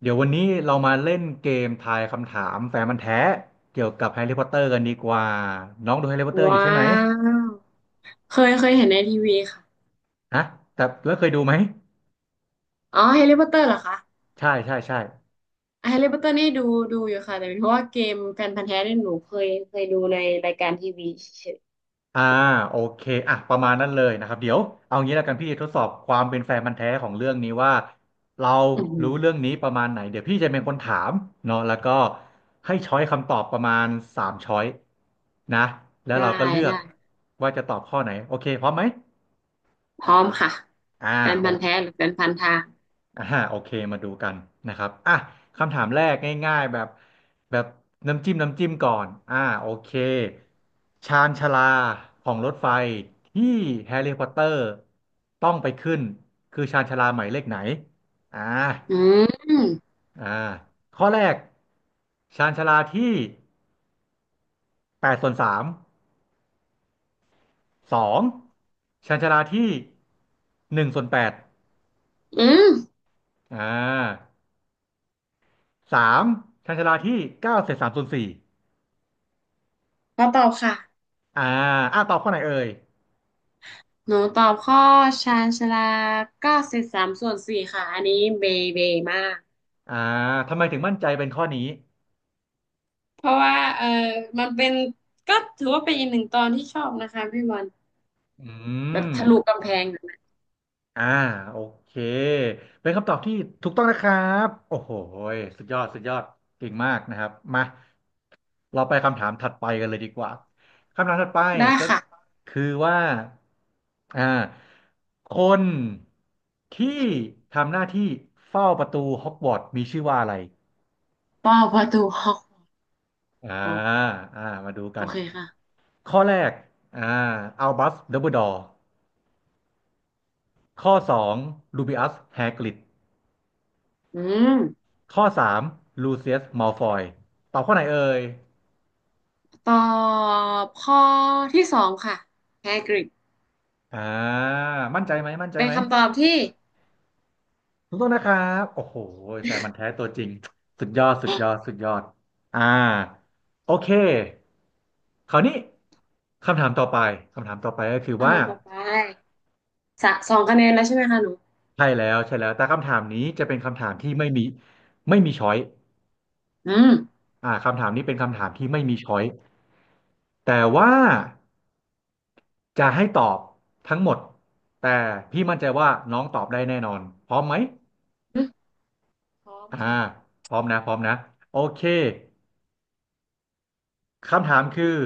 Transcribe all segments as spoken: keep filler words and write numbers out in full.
เดี๋ยววันนี้เรามาเล่นเกมทายคำถามแฟนมันธุ์แท้เกี่ยวกับแฮร์รี่พอตเตอร์กันดีกว่าน้องดูแฮร์รี่พอตเตอร์อยู่ว้าใช่ไหมว เคยเคยเห็นในทีวีค่ะ ฮะแต่แล้วเคยดูไหมอ๋อแฮร์รี่พอตเตอร์เหรอคะ ใช่ใช่ใช่เฮลแฮร์รี่พอตเตอร์นี่ดูดูอยู่ค่ะ แต่เป็นเพราะว่าเกมแฟนพันธุ์แท้เนี่ยหนูเคยเคยดูในรายการทีวีเฉยอ่าโอเคอ่ะประมาณนั้นเลยนะครับเดี๋ยวเอางี้แล้วกันพี่ทดสอบความเป็นแฟนมันธุ์แท้ของเรื่องนี้ว่าเราอืมรู้เรื่องนี้ประมาณไหนเดี๋ยวพี่จะเป็นคนถามเนาะแล้วก็ให้ช้อยคำตอบประมาณสามช้อยนะแล้วได้เราก็เลือได้กว่าจะตอบข้อไหนโอเคพร้อมไหมพร้อมค่ะอ่าแฟนโอ พันธุ์แท้หรือแฟนพันธุ์ทางอ่าโอเคมาดูกันนะครับอ่ะคำถามแรกง่ายๆแบบแบบน้ำจิ้มน้ำจิ้มก่อนอ่าโอเคชานชาลาของรถไฟที่แฮร์รี่พอตเตอร์ต้องไปขึ้นคือชานชาลาหมายเลขไหนอ่าอืมอ่าข้อแรกชานชาลาที่แปดส่วนสามสองชานชาลาที่หนึ่งส่วนแปดอืมอ่าสามชานชาลาที่เก้าเศษสามส่วนสี่ ขอตอบค่ะ อ่าอ่าตอบข้อไหนเอ่ยหนูตอบข้อชาญชาลาเก้าสิบสามส่วนสี่ค่ะ อันนี้เบเบมาก อ่าทำไมถึงมั่นใจเป็นข้อนี้เพราะว่าเออมันเป็นก็ถือว่าเป็นอีกหนึ่งตอนที่ชอบนะคะพี่บอลอืแบบมทะลุกำแพง อ่าโอเคเป็นคำตอบที่ถูกต้องนะครับโอ้โหยสุดยอดสุดยอดเก่งมากนะครับมาเราไปคำถามถัดไปกันเลยดีกว่า คำถามถัดไปได้ก็ค่ะคือว่าอ่าคนที่ทำหน้าที่เฝ้าประตูฮอกวอตส์มีชื่อว่าอะไรป้าประตูห้องอ่าโออ่ามาดูโอกัน เคค่ะข้อแรกอ่าอัลบัสดัมเบิลดอร์ข้อสองลูบิอัสแฮกริดอืมข้อสามลูเซียสมัลฟอยตอบข้อไหนเอ่ยตอบข้อที่สองค่ะแฮกริดอ่ามั่นใจไหมมั่นใจเป็นไหมคำตอบที่ถูกต้องนะครับโอ้โหแฟนมันธุ์แท้ตัวจริงสุดยอดสุดยอดสุดยอดอ่าโอเคคราวนี้คำถามต่อไปคำถามต่อไปก็คือคำว่าถามต่อไปสะสองคะแนนแล้วใช่ไหมคะหนูใช่แล้วใช่แล้วแต่คำถามนี้จะเป็นคำถามที่ไม่มีไม่มีช้อยอืมอ่าคำถามนี้เป็นคำถามที่ไม่มีช้อยแต่ว่า จะให้ตอบทั้งหมดแต่พี่มั่นใจว่าน้องตอบได้แน่นอนพร้อมไหมอืมพร้อมอ่าค่ะพร้อมนะพร้อมนะโอเคคำถามคือ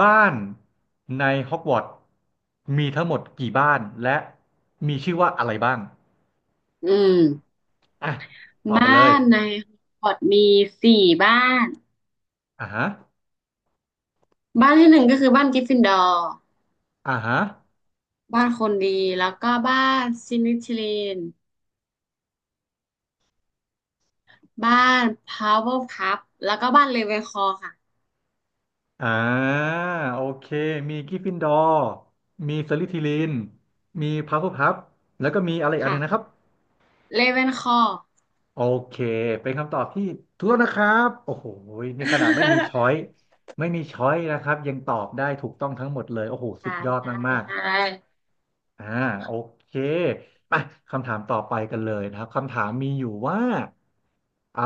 บ้านในฮอกวอตส์มีทั้งหมดกี่บ้านและมีชื่อว่าอะไรบ้างอืมอ่ะตอบบ้ามาเลยนในฮอกวอตส์มีสี่บ้านอ่าฮะบ้านที่หนึ่งก็คือบ้านกริฟฟินดอร์อ่าฮะบ้านคนดีแล้วก็บ้านซินิทิลีนบ้านพาวเวอร์พับแล้วก็บ้านเลเวนคลอว์ค่ะอ่าโอเคมีกริฟฟินดอร์มีสลิธีรินมีพัฟเฟิลพัฟแล้วก็มีอะไรอีกอันหนึ่งนะคค่ะรับ เลเวนคลอว์ โอเคเป็นคำตอบที่ถูกต้องนะครับโอ้โหนี่ขนาดไม่มีช้อ ยไม่มีช้อยนะครับยังตอบได้ถูกต้องทั้งหมดเลยโอ้โหสุใช่ดยอดใช่มากใช่ๆอ่าโอเคไปคำถามต่อไปกันเลยนะครับคำถามมีอยู่ว่าอ่า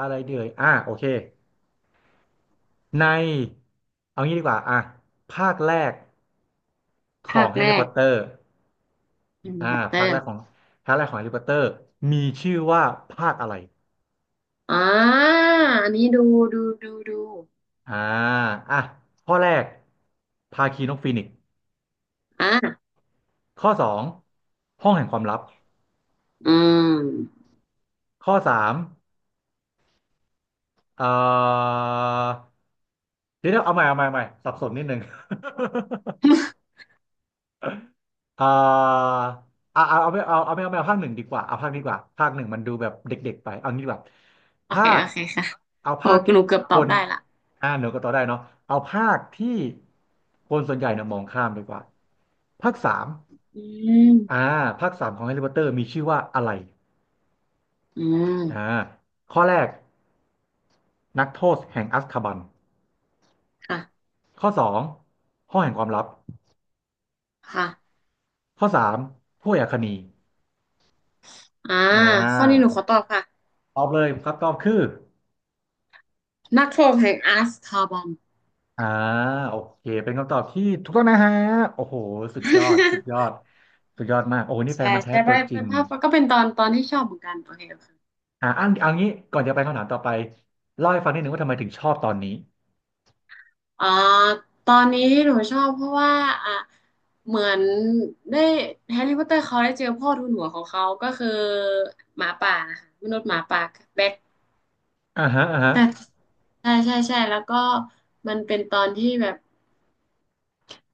อะไรเดือยอ่าโอเคในเอางี้ดีกว่าอ่ะภาคแรกขภาองคแฮแรร์รี่พอกตเตอร์แฮร์อ่ารี่พอตเตอภาคแรร์กของภาคแรกของแฮร์รี่พอตเตอร์มีชื่อว่าภาคอะไร อ่าอันนี้ดูดูดูดูอ่าอ่ะข้อแรกภาคีนกฟีนิกซ์อ่าข้อสองห้องแห่งความลับอืมข้อสามเอ่อเดี๋ยวเดี๋ยวเอาใหม่เอาใหม่เอาใหม่สับสนนิดนึง เอ่าเอาเอาเอาไม่เอาเอาไม่เอาไม่เอาภาคหนึ่งดีกว่าเอาภาคนี้ดีกว่าภาคหนึ่งมันดูแบบเด็กๆไปเอางี้ดีกว่าโอภาเคคโอเคค่ะเอาโอ้ภาคที่หนูเกือบคตอบนได้ละอ่าหนูก็ต่อได้เนาะเอาภาคที่คนส่วนใหญ่เนี่ยมองข้ามดีกว่าภาคสาม อืมอ่าภาคสามของแฮร์รี่พอตเตอร์มีชื่อว่าอะไรอือ่ามข้อแรกนักโทษแห่งอัซคาบันค่ะข้อสองห้องแห่งความลับค่ะข้อสามผู้อาคนีอ่าอ่าข้อนี้หนูขอตอบค่ะตอบเลยครับตอบคือนักโทษแห่งอาร์สคาบอม อ่าโอเคเป็นคำตอบที่ถูกต้องนะฮะโอ้โหสุดยอดสุดยอด สุดยอดมากโอ้โหนี่แฟใช่นมันธุ์แท้ใช่ไปตัวจไปริงภาพก็เป็นตอนตอนที่ชอบเหมือนกันโอเคโอเค อ่าอันเอางี้ก่อนจะไปคำถามต่อไปเล่าให้ฟังนิดนึงว่าทำไมถึงชอบตอนนี้อ่าตอนนี้ที่หนูชอบเพราะว่าอ่ะเหมือนได้แฮร์รี่พอตเตอร์เขาได้เจอพ่อทูลหัวของเขาก็คือหมาป่านะคะมนุษย์หมาป่าแบ็คอ่าฮะอ่าฮะแต่ใช่ใช่ใช่แล้วก็มันเป็นตอนที่แบบ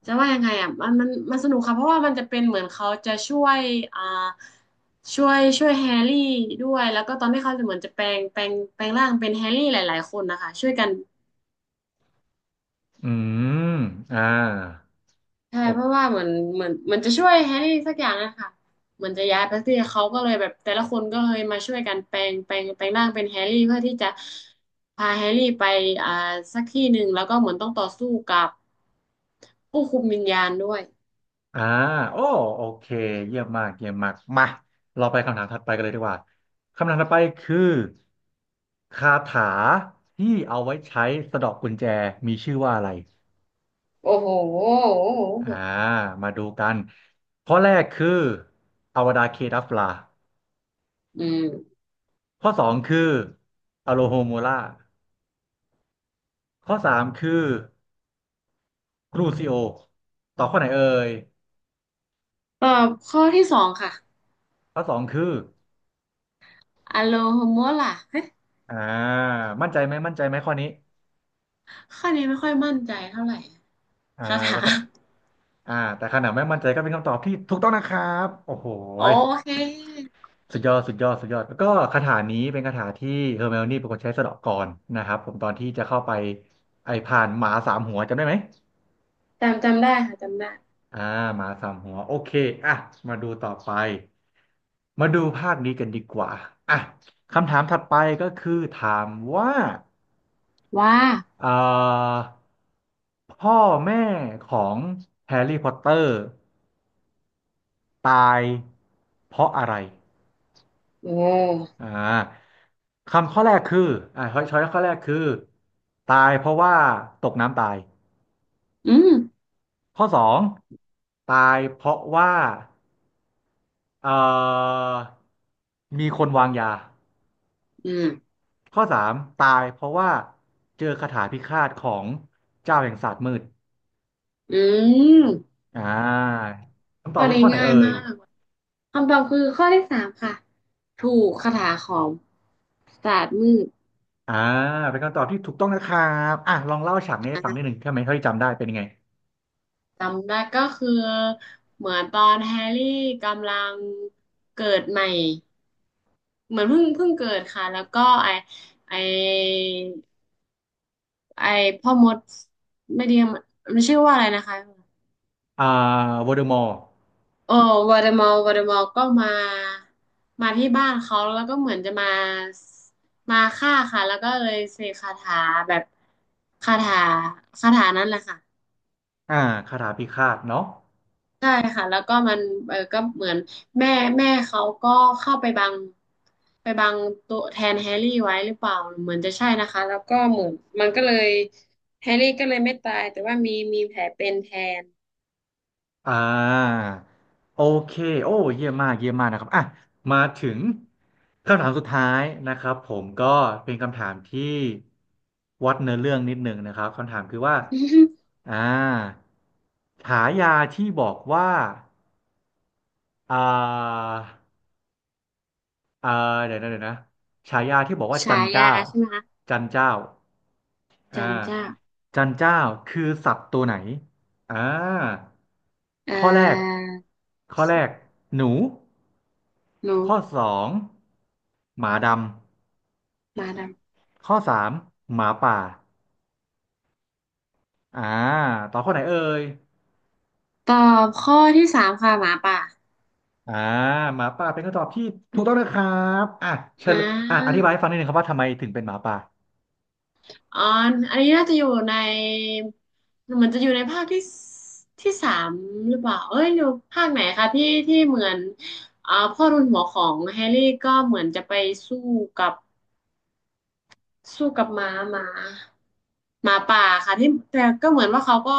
จะว่ายังไงอ่ะมันมันมันสนุกค่ะเพราะว่ามันจะเป็นเหมือนเขาจะช่วยอ่าช่วยช่วยแฮร์รี่ด้วยแล้วก็ตอนที่เขาจะเหมือนจะแปลงแปลงแปลงร่างเป็นแฮร์รี่หลายๆคนนะคะช่วยกัน อืมอ่าใช่เพราะโอ ว่าเหมือนเหมือนมันจะช่วยแฮร์รี่สักอย่างนะคะเหมือนจะย้ายไปที่เขาก็เลยแบบแต่ละคนก็เลยมาช่วยกันแปลงแปลงแปลงร่างเป็นแฮร์รี่เพื่อที่จะพาแฮร์รี่ไปอ่าสักที่หนึ่งแล้วก็เหมือนต้องต่อสู้กับผู้คุมวิญญาณด้วยอ่าโอ้โอเคเยี่ยมมากเยี่ยมมากมาเราไปคำถามถัดไปกันเลยดีกว่าคำถามถัดไปคือคาถาที่เอาไว้ใช้สะเดาะกุญแจมีชื่อว่าอะไรโอ้โหอ่ามาดูกันข้อแรกคืออวดาเคดัฟลาอืมข้อสองคืออโลโฮโมลาข้อสามคือกรูซิโอต่อบข้อไหนเอ่ยตอบข้อที่สองค่ะข้อสองคืออโลโฮมัวล่ะเฮ้ยอ่ามั่นใจไหมมั่นใจไหมข้อนี้ข้อนี้ไม่ค่อยมั่นใจเท่าไหร่อ่าคาถานะครับ อ่าแต่ขนาดไม่มั่นใจก็เป็นคำตอบที่ถูกต้องนะครับโอ้โหโอยเคสุดยอดสุดยอดสุดยอดแล้วก็คาถานี้เป็นคาถาที่เฮอร์ไมโอนี่เป็นคนใช้สะเดาะก่อนนะครับผมตอนที่จะเข้าไปไอ้ผ่านหมาสามหัวจำได้ไหมจำจำได้ค่ะจำได้อ่าหมาสามหัวโอเคอ่ะมาดูต่อไปมาดูภาคนี้กันดีกว่าอ่ะคำถามถัดไปก็คือถามว่าว่าเอ่อพ่อแม่ของแฮร์รี่พอตเตอร์ตายเพราะอะไร โอ้อ่าคำข้อแรกคืออ่าช้อยช้อยข้อแรกคือตายเพราะว่าตกน้ำตายอืมข้อสองตายเพราะว่าเอ่อมีคนวางยาอืม ข้อสามตายเพราะว่าเจอคาถาพิฆาตของเจ้าแห่งศาสตร์มืดอืมอ่าคำตอข้อบคือนี้ข้อไหนง่ายเอ่มายกคำตอบคือข้อที่สามค่ะ ถูกคาถาของศาสตร์มืดอ่าเป็นคำตอบที่ถูกต้องนะครับอ่ะลองเล่าฉากนี้ให้ฟังนิดหนึ่งใช่ไหมเท่าที่จำได้เป็นยังไงจำได้ก็คือเหมือนตอนแฮร์รี่กำลังเกิดใหม่เหมือนเพิ่งเพิ่งเกิดค่ะแล้วก็ไอไอไอพ่อมดไม่ดีมันชื่อว่าอะไรนะคะ อ่าวอเดอมอร์เออวอเดมอลวอเดมอลก็มามาที่บ้านเขาแล้วก็เหมือนจะมามาฆ่าค่ะแล้วก็เลยเสกคาถาแบบคาถาคาถานั้นแหละค่ะอ่าคาถาพิฆาตเนาะ ใช่ค่ะแล้วก็มันเออก็เหมือนแม่แม่เขาก็เข้าไปบังไปบังตัวแทนแฮร์รี่ไว้หรือเปล่าเหมือนจะใช่นะคะแล้วก็เหมือนมันก็เลยแฮร์รี่ก็เลยไม่ตายแต่ว่ามีมีแผลเป็นแทน อ่าโอเคโอ้เยี่ยมมากเยี่ยมมากนะครับอ่ะมาถึงคำถามสุดท้ายนะครับผมก็เป็นคำถามที่วัดเนื้อเรื่องนิดหนึ่งนะครับคำถามคือว่าอ่าฉายาที่บอกว่าอ่า เออเดี๋ยวนะเดี๋ยวนะฉายาที่บอกว่า จัฉานเจ้ายาใช่ไหมคะจันเจ้าอ่าจันเจ้าจันเจ้าคือสัตว์ตัวไหนอ่าเอ่ข้อแรกอ ข้อแรกหนูนกข้อสองหมาดหมาดำข้อสามหมาป่าอ่าต่อบข้อไหนเอ่ยำตอบข้อที่สามค่ะหมาป่าอ่าหมาป่าเป็นคำตอบที่ถูกต้องนะครับอ่ะเชิอ่ญอ่ะอธิาบายให้ฟังนิดนึงครับว่าทำไมถึงเป็นหมาป่า อ๋ออันนี้น่าจะอยู่ในเหมือนจะอยู่ในภาคที่สที่สามหรือเปล่าเอ้ยหรือภาคไหนคะที่ที่เหมือนอ่าพ่อรุนหัวของแฮร์รี่ก็เหมือนจะไปสู้กับสู้กับหมาหมาหมาป่าค่ะที่แต่ก็เหมือนว่าเขาก็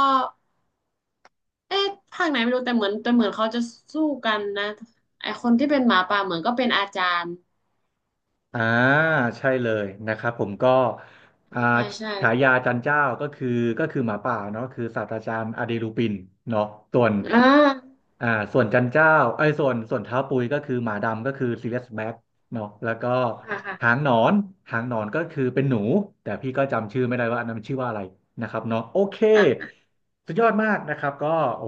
เอ๊ะภาคไหนไม่รู้แต่เหมือนแต่เหมือนเขาจะสู้กันนะไอคนที่เป็นหมาป่าเหมือนก็เป็นอาจารย์อ่าใช่เลยนะครับผมก็อ่าใช่ใช่ใช่ฉายาจันเจ้าก็คือก็คือหมาป่าเนาะคือศาสตราจารย์อเดลูปินเนาะส่วนอ่า อ่าส่วนจันเจ้าไอ้ยส่วนส่วนเท้าปุยก็คือหมาดำก็คือซีเรียสแบ็ค เนาะแล้วก็ค่ะค่ะหางหนอนหางหนอนก็คือเป็นหนูแต่พี่ก็จำชื่อไม่ได้ว่าอันนั้นมันชื่อว่าอะไรนะครับเนาะโอเคค่ะ สุดยอดมากนะครับก็โอ้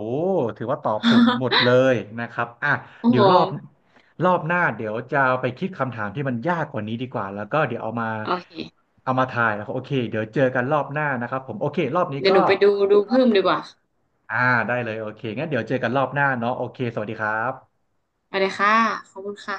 ถือว่าตอบถูกหมดเล ยนะครับอ่ะโอ้เดี๋โห ยวรอบรอบหน้าเดี๋ยวจะไปคิดคำถามที่มันยากกว่านี้ดีกว่าแล้วก็เดี๋ยวเอามาโอเค เอามาทายแล้วโอเคเดี๋ยวเจอกันรอบหน้านะครับผมโอเครอบนี้เดี๋ยวก็หนูไปดูดูเพิ่มดีกว่า อ่าได้เลยโอเคงั้นเดี๋ยวเจอกันรอบหน้าเนาะโอเคสวัสดีครับไปเลยค่ะ ขอบคุณค่ะ